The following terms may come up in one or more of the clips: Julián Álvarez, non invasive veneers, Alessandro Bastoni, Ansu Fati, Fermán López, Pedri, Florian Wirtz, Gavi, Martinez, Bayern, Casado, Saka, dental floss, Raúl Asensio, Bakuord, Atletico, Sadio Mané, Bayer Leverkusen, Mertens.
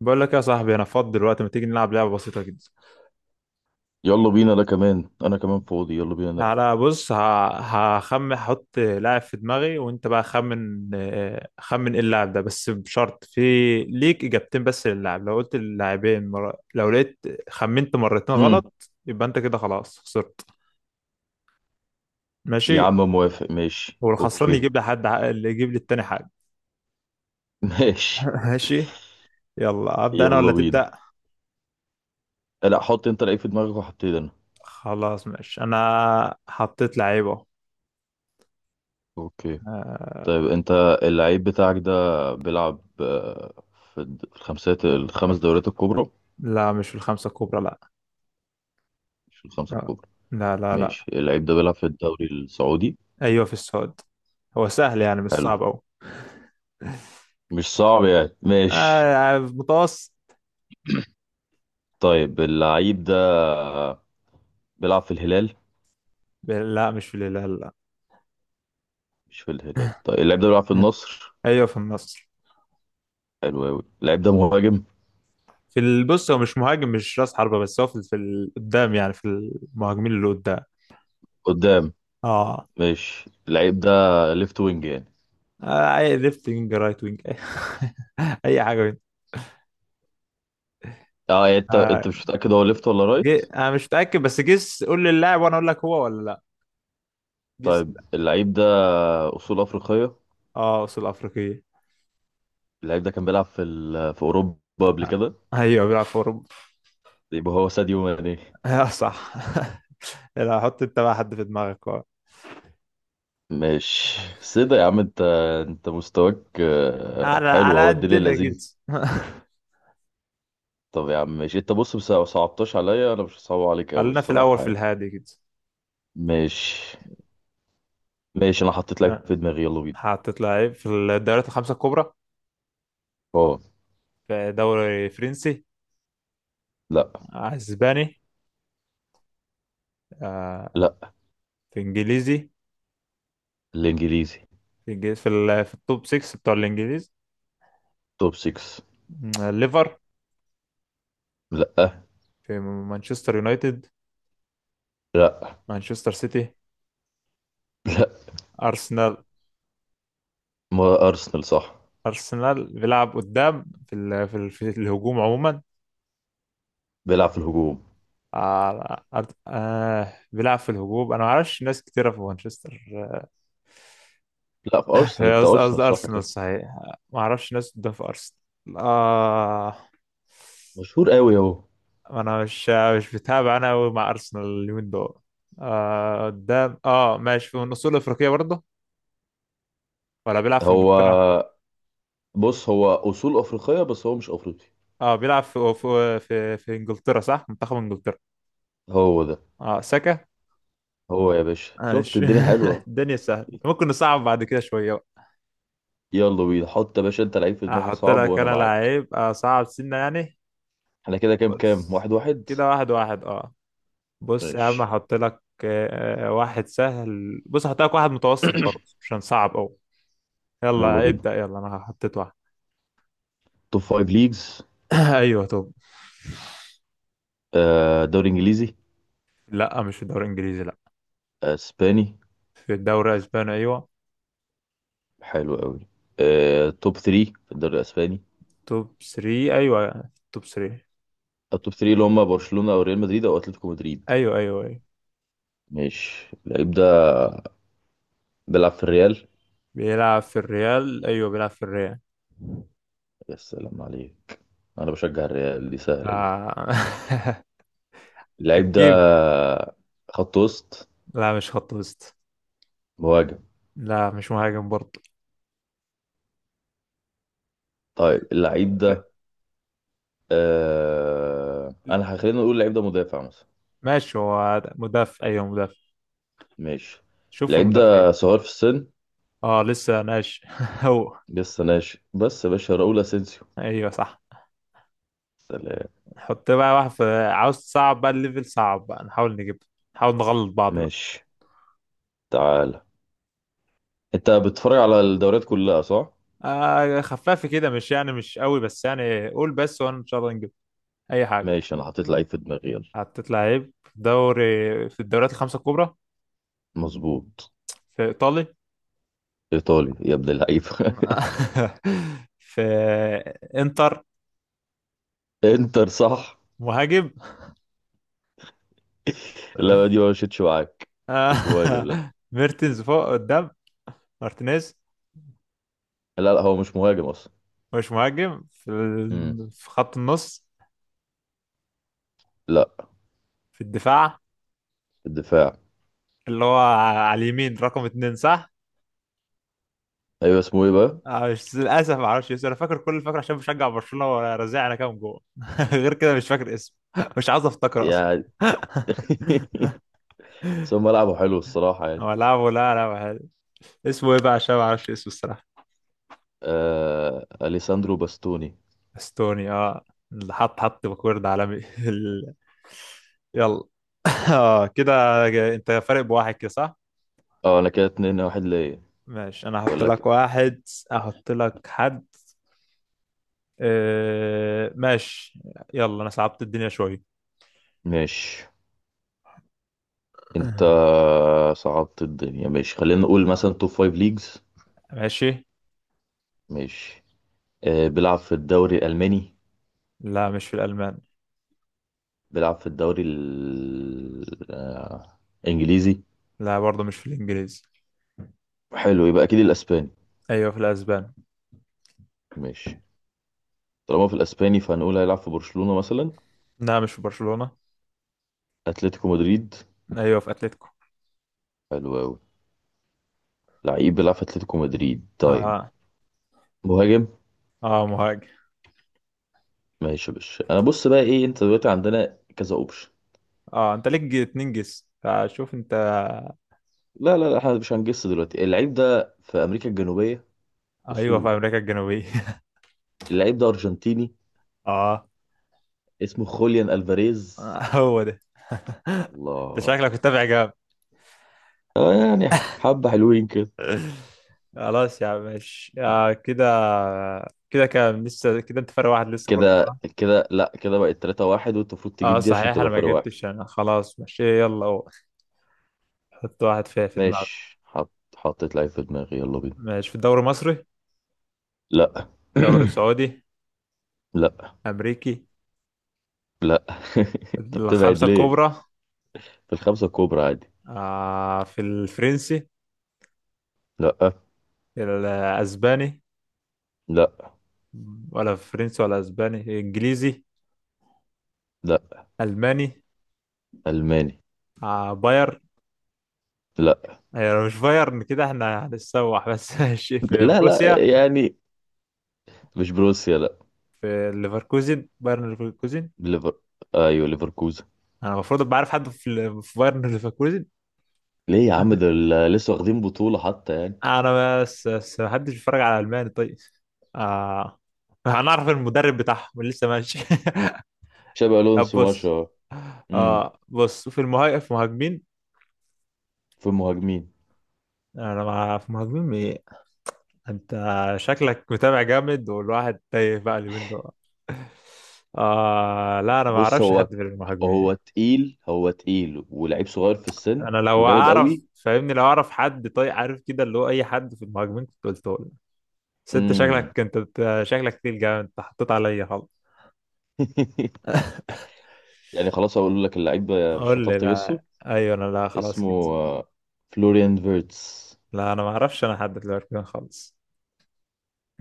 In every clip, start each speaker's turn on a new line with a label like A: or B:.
A: بقول لك يا صاحبي انا فاضي دلوقتي. ما تيجي نلعب لعبه بسيطه جدا.
B: يلا بينا، انا كمان فاضي، يلا بينا نلعب.
A: تعالى بص هخمن. هحط لاعب في دماغي وانت بقى خمن. خمن ايه اللاعب ده، بس بشرط في ليك اجابتين بس للاعب. لو قلت اللاعبين لو لقيت خمنت مرتين
B: امم
A: غلط يبقى انت كده خلاص خسرت.
B: يا
A: ماشي.
B: عم موافق، ماشي،
A: والخسران
B: اوكي.
A: يجيب اللي يجيب للتاني حاجه.
B: ماشي
A: ماشي. يلا ابدا انا
B: يلا
A: ولا
B: بينا.
A: تبدا؟
B: لا، حط انت لعيب في دماغك وهبتدي انا.
A: خلاص ماشي، انا حطيت لعيبه.
B: اوكي.
A: آه،
B: طيب انت اللعيب بتاعك ده بيلعب في الخمس دوريات الكبرى.
A: لا مش في الخمسه الكبرى لا.
B: مش في الخمسة
A: آه،
B: الكبرى؟
A: لا لا
B: ماشي،
A: لا.
B: اللعيب ده بيلعب في الدوري السعودي.
A: ايوه في السعود. هو سهل يعني، مش
B: حلو،
A: صعب أوي.
B: مش صعب يعني، ماشي.
A: آه متوسط.
B: طيب اللعيب ده بيلعب في الهلال؟
A: لا مش في الهلال لا.
B: مش في الهلال، طيب اللعيب ده بيلعب في النصر.
A: ايوه في النصر.
B: حلو أوي، اللعيب ده مهاجم؟
A: في البص هو مش مهاجم، مش راس حربة، بس هو قدام يعني، في المهاجمين اللي قدام.
B: قدام.
A: اه.
B: ماشي، اللعيب ده ليفت وينج يعني؟
A: اي ليفت وينج رايت وينج اي. أي حاجه منهم.
B: اه يعني انت
A: آه.
B: انت مش متأكد هو ليفت ولا رايت.
A: انا مش متاكد، بس جيس، قول لي اللاعب وانا اقول لك هو ولا لا. جيس
B: طيب
A: لا.
B: اللعيب ده أصول أفريقية؟
A: اه اصول افريقيه.
B: اللعيب ده كان بيلعب في في أوروبا قبل
A: آه،
B: كده؟
A: ايوه بيلعب في اوروبا.
B: يبقى هو ساديو ماني.
A: آه صح. لا، حط انت بقى حد في دماغك. آه.
B: ماشي، سيدة يا عم انت. انت مستواك
A: على
B: حلو
A: على
B: اهو، الدنيا
A: قدنا كده.
B: لذيذ. طب يا عم ماشي، انت بص، بس لو صعبتش عليا انا مش هصعب عليك قوي
A: خلينا في الأول
B: الصراحة
A: في
B: يعني.
A: الهادي كده.
B: ماشي. ماشي، انا حطيت لك
A: آه،
B: في دماغي، يلا بينا.
A: حطيت لعيب في الدوريات الخمسة الكبرى.
B: اه.
A: في دوري فرنسي.
B: لا.
A: أسباني. آه،
B: لا.
A: في إنجليزي.
B: الانجليزي.
A: في الج- في, ال- في التوب 6 بتوع الإنجليز.
B: توب 6.
A: ليفر.
B: لا.
A: في مانشستر يونايتد.
B: لا.
A: مانشستر سيتي. أرسنال.
B: ما ارسنال صح،
A: أرسنال بيلعب قدام في الهجوم عموما.
B: بيلعب في الهجوم؟
A: بيلعب في الهجوم. أنا ما أعرفش ناس كتيرة في مانشستر.
B: لا، في ارسنال،
A: هي
B: انت
A: قصدي
B: ارسنال صح
A: أرسنال
B: كده،
A: صحيح. ما أعرفش ناس قدام في أرسنال. آه.
B: مشهور قوي اهو.
A: أنا مش بتابع أنا أوي مع أرسنال اليومين دول. آه قدام آه، ماشي، في من أصول أفريقية برضه؟ ولا بيلعب في
B: هو
A: إنجلترا؟
B: بص، هو اصول افريقيه بس هو مش افريقي.
A: آه بيلعب في إنجلترا، صح، منتخب إنجلترا.
B: هو ده.
A: آه ساكا.
B: هو يا باشا، شفت
A: ماشي.
B: الدنيا حلوه.
A: الدنيا سهلة، ممكن نصعب بعد كده شوية بقى.
B: يلا بينا، حط يا باشا انت لعيب في دماغك
A: أحط
B: صعب
A: لك
B: وانا
A: أنا
B: معاك.
A: لعيب أصعب سنة يعني.
B: احنا كده كام، كام
A: بص
B: واحد واحد.
A: كده واحد واحد آه. بص يا
B: ماشي،
A: عم هحط لك واحد سهل، بص هحط لك واحد متوسط برضه عشان صعب قوي.
B: يلا
A: يلا
B: بينا.
A: ابدأ، يلا انا حطيت واحد.
B: توب فايف ليجز.
A: ايوه توب.
B: دوري انجليزي؟
A: لا مش في الدوري الانجليزي لا.
B: اسباني؟
A: في الدوري الاسباني ايوه.
B: حلو قوي. توب 3 في الدوري الاسباني؟
A: توب 3. ايوه توب 3.
B: التوب 3 اللي هم برشلونه او ريال مدريد او اتلتيكو مدريد.
A: ايوه ايوه ايوه.
B: ماشي، اللعيب ده بيلعب في الريال؟
A: بيلعب في الريال. ايوه بيلعب في الريال.
B: يا سلام عليك، انا بشجع الريال، دي سهله دي.
A: آه.
B: اللعيب ده
A: هتجيب.
B: خط وسط؟
A: لا مش خط وسط.
B: مهاجم؟
A: لا مش مهاجم برضه.
B: طيب اللعيب ده انا خلينا نقول اللعيب ده مدافع مثلا.
A: ماشي هو مدافع، ايوه مدافع.
B: ماشي،
A: شوف
B: اللعيب ده
A: المدافعين.
B: صغير في السن؟
A: اه لسه ناش. هو
B: لسه ناشئ، بس يا باشا راؤول اسينسيو.
A: ايوه صح.
B: سلام.
A: نحط بقى واحد في، عاوز صعب بقى، الليفل صعب بقى، نحاول نجيب، نحاول نغلط بعض بقى.
B: ماشي، تعال. انت بتتفرج على الدوريات كلها صح؟
A: آه خفافي كده، مش يعني مش قوي، بس يعني قول بس وانا ان شاء الله نجيب اي حاجه.
B: ماشي، انا حطيت لعيب في دماغي، يلا.
A: حطيت لعيب في دوري، في الدوريات الخمسه الكبرى.
B: مظبوط.
A: في ايطالي.
B: ايطالي يا ابن اللعيب.
A: في انتر.
B: انتر، صح.
A: مهاجم.
B: لا، دي ما مشيتش معاك،
A: آه.
B: مش مهاجم، لا.
A: ميرتنز فوق قدام. مارتينيز.
B: لا، لا هو مش مهاجم اصلا.
A: مش مهاجم
B: امم
A: في خط النص.
B: لا.
A: في الدفاع.
B: الدفاع.
A: اللي هو على اليمين رقم اتنين صح؟
B: ايوه، اسمه ايه بقى؟
A: مش للاسف ما اعرفش اسمه. انا فاكر كل الفاكر عشان بشجع برشلونه ورزع انا كام جول. غير كده مش فاكر اسمه. مش عايز افتكر اصلا.
B: يعني. سو ملعبه حلو الصراحه يعني.
A: هو لعبه لا، لا حلو. اسمه ايه بقى عشان ما اعرفش اسمه الصراحه.
B: اليساندرو باستوني.
A: استوني اه. اللي حط باكورد عالمي. ال- يلا. اه كده. انت فارق بواحد كده صح؟
B: اه انا كده اتنين واحد ليا.
A: ماشي انا هحط
B: ولا ك...
A: لك واحد. احط لك حد. آه ماشي. يلا انا صعبت الدنيا شويه.
B: ماشي. انت صعبت الدنيا، ماشي، خلينا نقول مثلا توب فايف ليجز.
A: ماشي.
B: ماشي. بيلعب في الدوري الالماني؟
A: لا مش في الالمان.
B: بيلعب في الدوري الانجليزي؟
A: لا برضه مش في الانجليزي.
B: حلو، يبقى اكيد الاسباني.
A: ايوه في الاسبان.
B: ماشي، طالما في الاسباني فهنقول هيلعب في برشلونه مثلا.
A: لا مش في برشلونة.
B: اتلتيكو مدريد.
A: ايوه في اتلتيكو.
B: حلو أوي، لعيب بيلعب في أتلتيكو مدريد طيب.
A: اه.
B: مهاجم.
A: اه مهاجم.
B: ماشي يا باشا، أنا بص بقى إيه، أنت دلوقتي عندنا كذا أوبشن.
A: اه انت ليك اتنين جس، فشوف انت.
B: لا، إحنا مش هنجس دلوقتي. اللعيب ده في أمريكا الجنوبية؟
A: ايوه في
B: أصوله.
A: امريكا الجنوبية.
B: اللعيب ده أرجنتيني.
A: اه.
B: اسمه خوليان ألفاريز.
A: هو ده. انت
B: الله.
A: شكلك متابع جامد.
B: آه يعني، حبة حلوين كده.
A: خلاص يا عم ماشي، آه كده. كده كام لسه كده، انت فرق واحد لسه برضه صح؟
B: لا، كده بقت 3-1، وأنت المفروض
A: اه
B: تجيب دي عشان
A: صحيح
B: تبقى
A: انا ما
B: فرق واحد.
A: جبتش. انا خلاص ماشي يلا هو. حط واحد في دماغك.
B: ماشي، حطيت لعيب في دماغي، يلا بينا.
A: ماشي. في الدوري المصري.
B: لا.
A: دوري سعودي.
B: لا.
A: امريكي.
B: لا. أنت بتبعد
A: الخمسة
B: ليه؟
A: الكبرى.
B: في الخمسة الكبرى عادي.
A: آه في الفرنسي.
B: لا.
A: الأسباني.
B: لا.
A: ولا فرنسي ولا أسباني، إنجليزي.
B: لا.
A: ألماني.
B: ألماني.
A: آه باير.
B: لا
A: آه يعني مش بايرن كده احنا هنتسوح بس. ماشي في
B: لا
A: بروسيا.
B: يعني مش بروسيا لا.
A: في ليفركوزن، بايرن ليفركوزن.
B: ليفر. ايوه، ليفركوزن.
A: أنا المفروض أبقى عارف حد في بايرن. ليفركوزن.
B: ليه يا عم، لسه واخدين بطولة حتى يعني.
A: أنا بس محدش بيتفرج على ألماني. طيب آه هنعرف المدرب بتاعهم اللي لسه ماشي.
B: شابي
A: طب
B: ألونسو، ما شاء
A: بص.
B: الله. امم
A: اه بص في المهاجم، في المهاجمين.
B: في المهاجمين؟
A: انا مع في مهاجمين ايه. انت شكلك متابع جامد والواحد تايه بقى اليومين دول. آه لا انا ما
B: بص
A: اعرفش
B: هو،
A: حد في المهاجمين.
B: هو تقيل ولعيب صغير في السن
A: انا لو
B: وجامد
A: اعرف
B: قوي.
A: فاهمني، لو اعرف حد طيب عارف كده اللي هو اي حد في المهاجمين كنت قلته لك. بس انت
B: امم
A: شكلك، انت شكلك تقيل جامد، انت حطيت عليا خالص.
B: يعني خلاص، هقول لك اللعيب ده مش
A: قول
B: هتعرف
A: لي.
B: تجسه.
A: لا ايوه انا لا خلاص
B: اسمه
A: كده.
B: آه، فلوريان فيرتس.
A: لا انا ما اعرفش انا حد في الاركان خالص.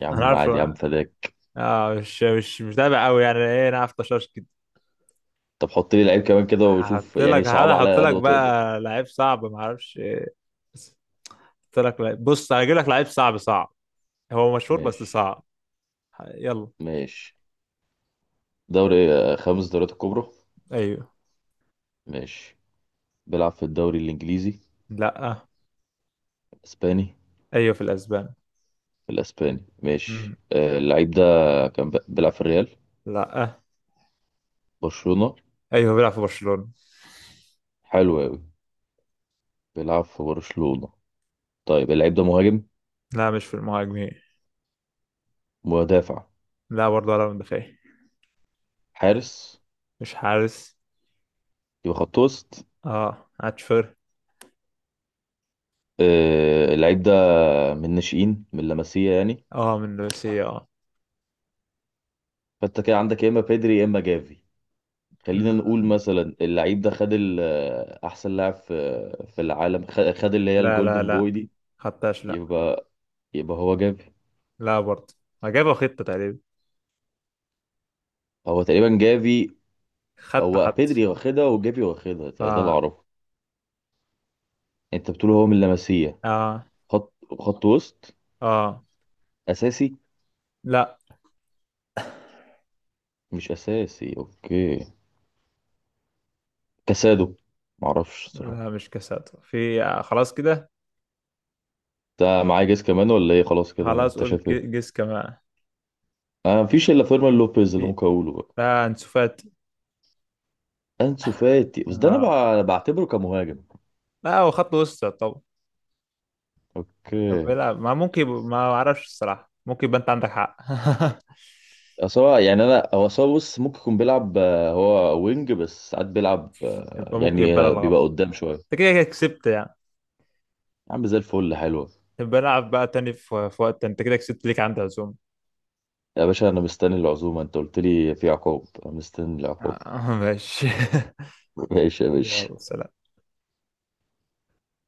B: يا
A: انا
B: عم
A: عارف.
B: عادي، يا عم فداك.
A: اه مش متابع قوي يعني، ايه انا عارف طشاش.
B: طب حط لي لعيب كمان كده وشوف،
A: هحط
B: يعني
A: لك، هحاول
B: صعب
A: احط
B: عليا قد
A: لك
B: ما تقدر.
A: بقى لعيب صعب ما اعرفش ايه، بس هحط لك لعيب. بص هجيب لك لعيب صعب صعب، هو مشهور بس
B: ماشي.
A: صعب. يلا.
B: ماشي، دوري خمس دوريات الكبرى.
A: ايوه.
B: ماشي. بيلعب في الدوري الإنجليزي؟
A: لا
B: الإسباني.
A: ايوه في الاسبان.
B: الإسباني ماشي.
A: مم.
B: اللعيب ده كان بيلعب في الريال؟
A: لا.
B: برشلونة؟
A: ايوه بيلعب في برشلونة.
B: حلو أوي، بيلعب في برشلونة. طيب اللعيب ده مهاجم؟
A: لا مش في المهاجمين.
B: مدافع؟
A: لا برضه ولا مدافع.
B: حارس؟
A: مش حارس.
B: يبقى خط وسط.
A: اه اتشفر.
B: اللعيب ده من الناشئين، من لاماسيا يعني.
A: اه من روسيا اه.
B: فأنت كده عندك يا إما بيدري يا إما جافي. خلينا
A: مم.
B: نقول مثلا اللعيب ده خد أحسن لاعب في في العالم، خد اللي هي
A: لا لا
B: الجولدن
A: لا.
B: بوي دي.
A: خدتهاش لا.
B: يبقى، يبقى هو جافي.
A: لا برضه، ما جابها خطة تقريبا.
B: هو تقريبا جافي.
A: خدت
B: هو
A: حط.
B: بيدري واخدها وجافي واخدها، ده ده اللي
A: اه.
B: اعرفه. انت بتقول هو من لاماسيا.
A: اه.
B: خط، خط وسط
A: اه.
B: اساسي؟
A: لا.
B: مش اساسي، اوكي. كاسادو؟ معرفش صراحه.
A: لا مش كساد في، خلاص كده.
B: ده معايا جيس كمان ولا ايه، خلاص كده
A: خلاص
B: انت
A: قول
B: شايف ايه؟
A: جس كمان.
B: انا مفيش الا فيرمان لوبيز اللي
A: في.
B: ممكن اقوله بقى.
A: لا انسوفات.
B: انسو فاتي؟ بس ده انا
A: آه.
B: بعتبره كمهاجم.
A: لا هو خط وسط. طب طب
B: اوكي.
A: بيلعب ما ممكن، ما اعرفش الصراحة، ممكن يبقى انت عندك حق.
B: أصل هو يعني انا هو أصل هو بص ممكن يكون بيلعب هو وينج، بس ساعات بيلعب
A: يبقى ممكن، يبقى انا
B: بيبقى
A: الغلط،
B: قدام شويه.
A: انت كده كده كسبت يعني.
B: يا عم زي الفل، حلوة.
A: طب بلعب بقى تاني في في وقت، انت كده كسبت، ليك عندي عزوم.
B: يا باشا أنا مستني العزومة، أنت قلت لي في عقاب، أنا مستني العقاب.
A: ماشي.
B: ماشي يا باشا.
A: يلا سلام.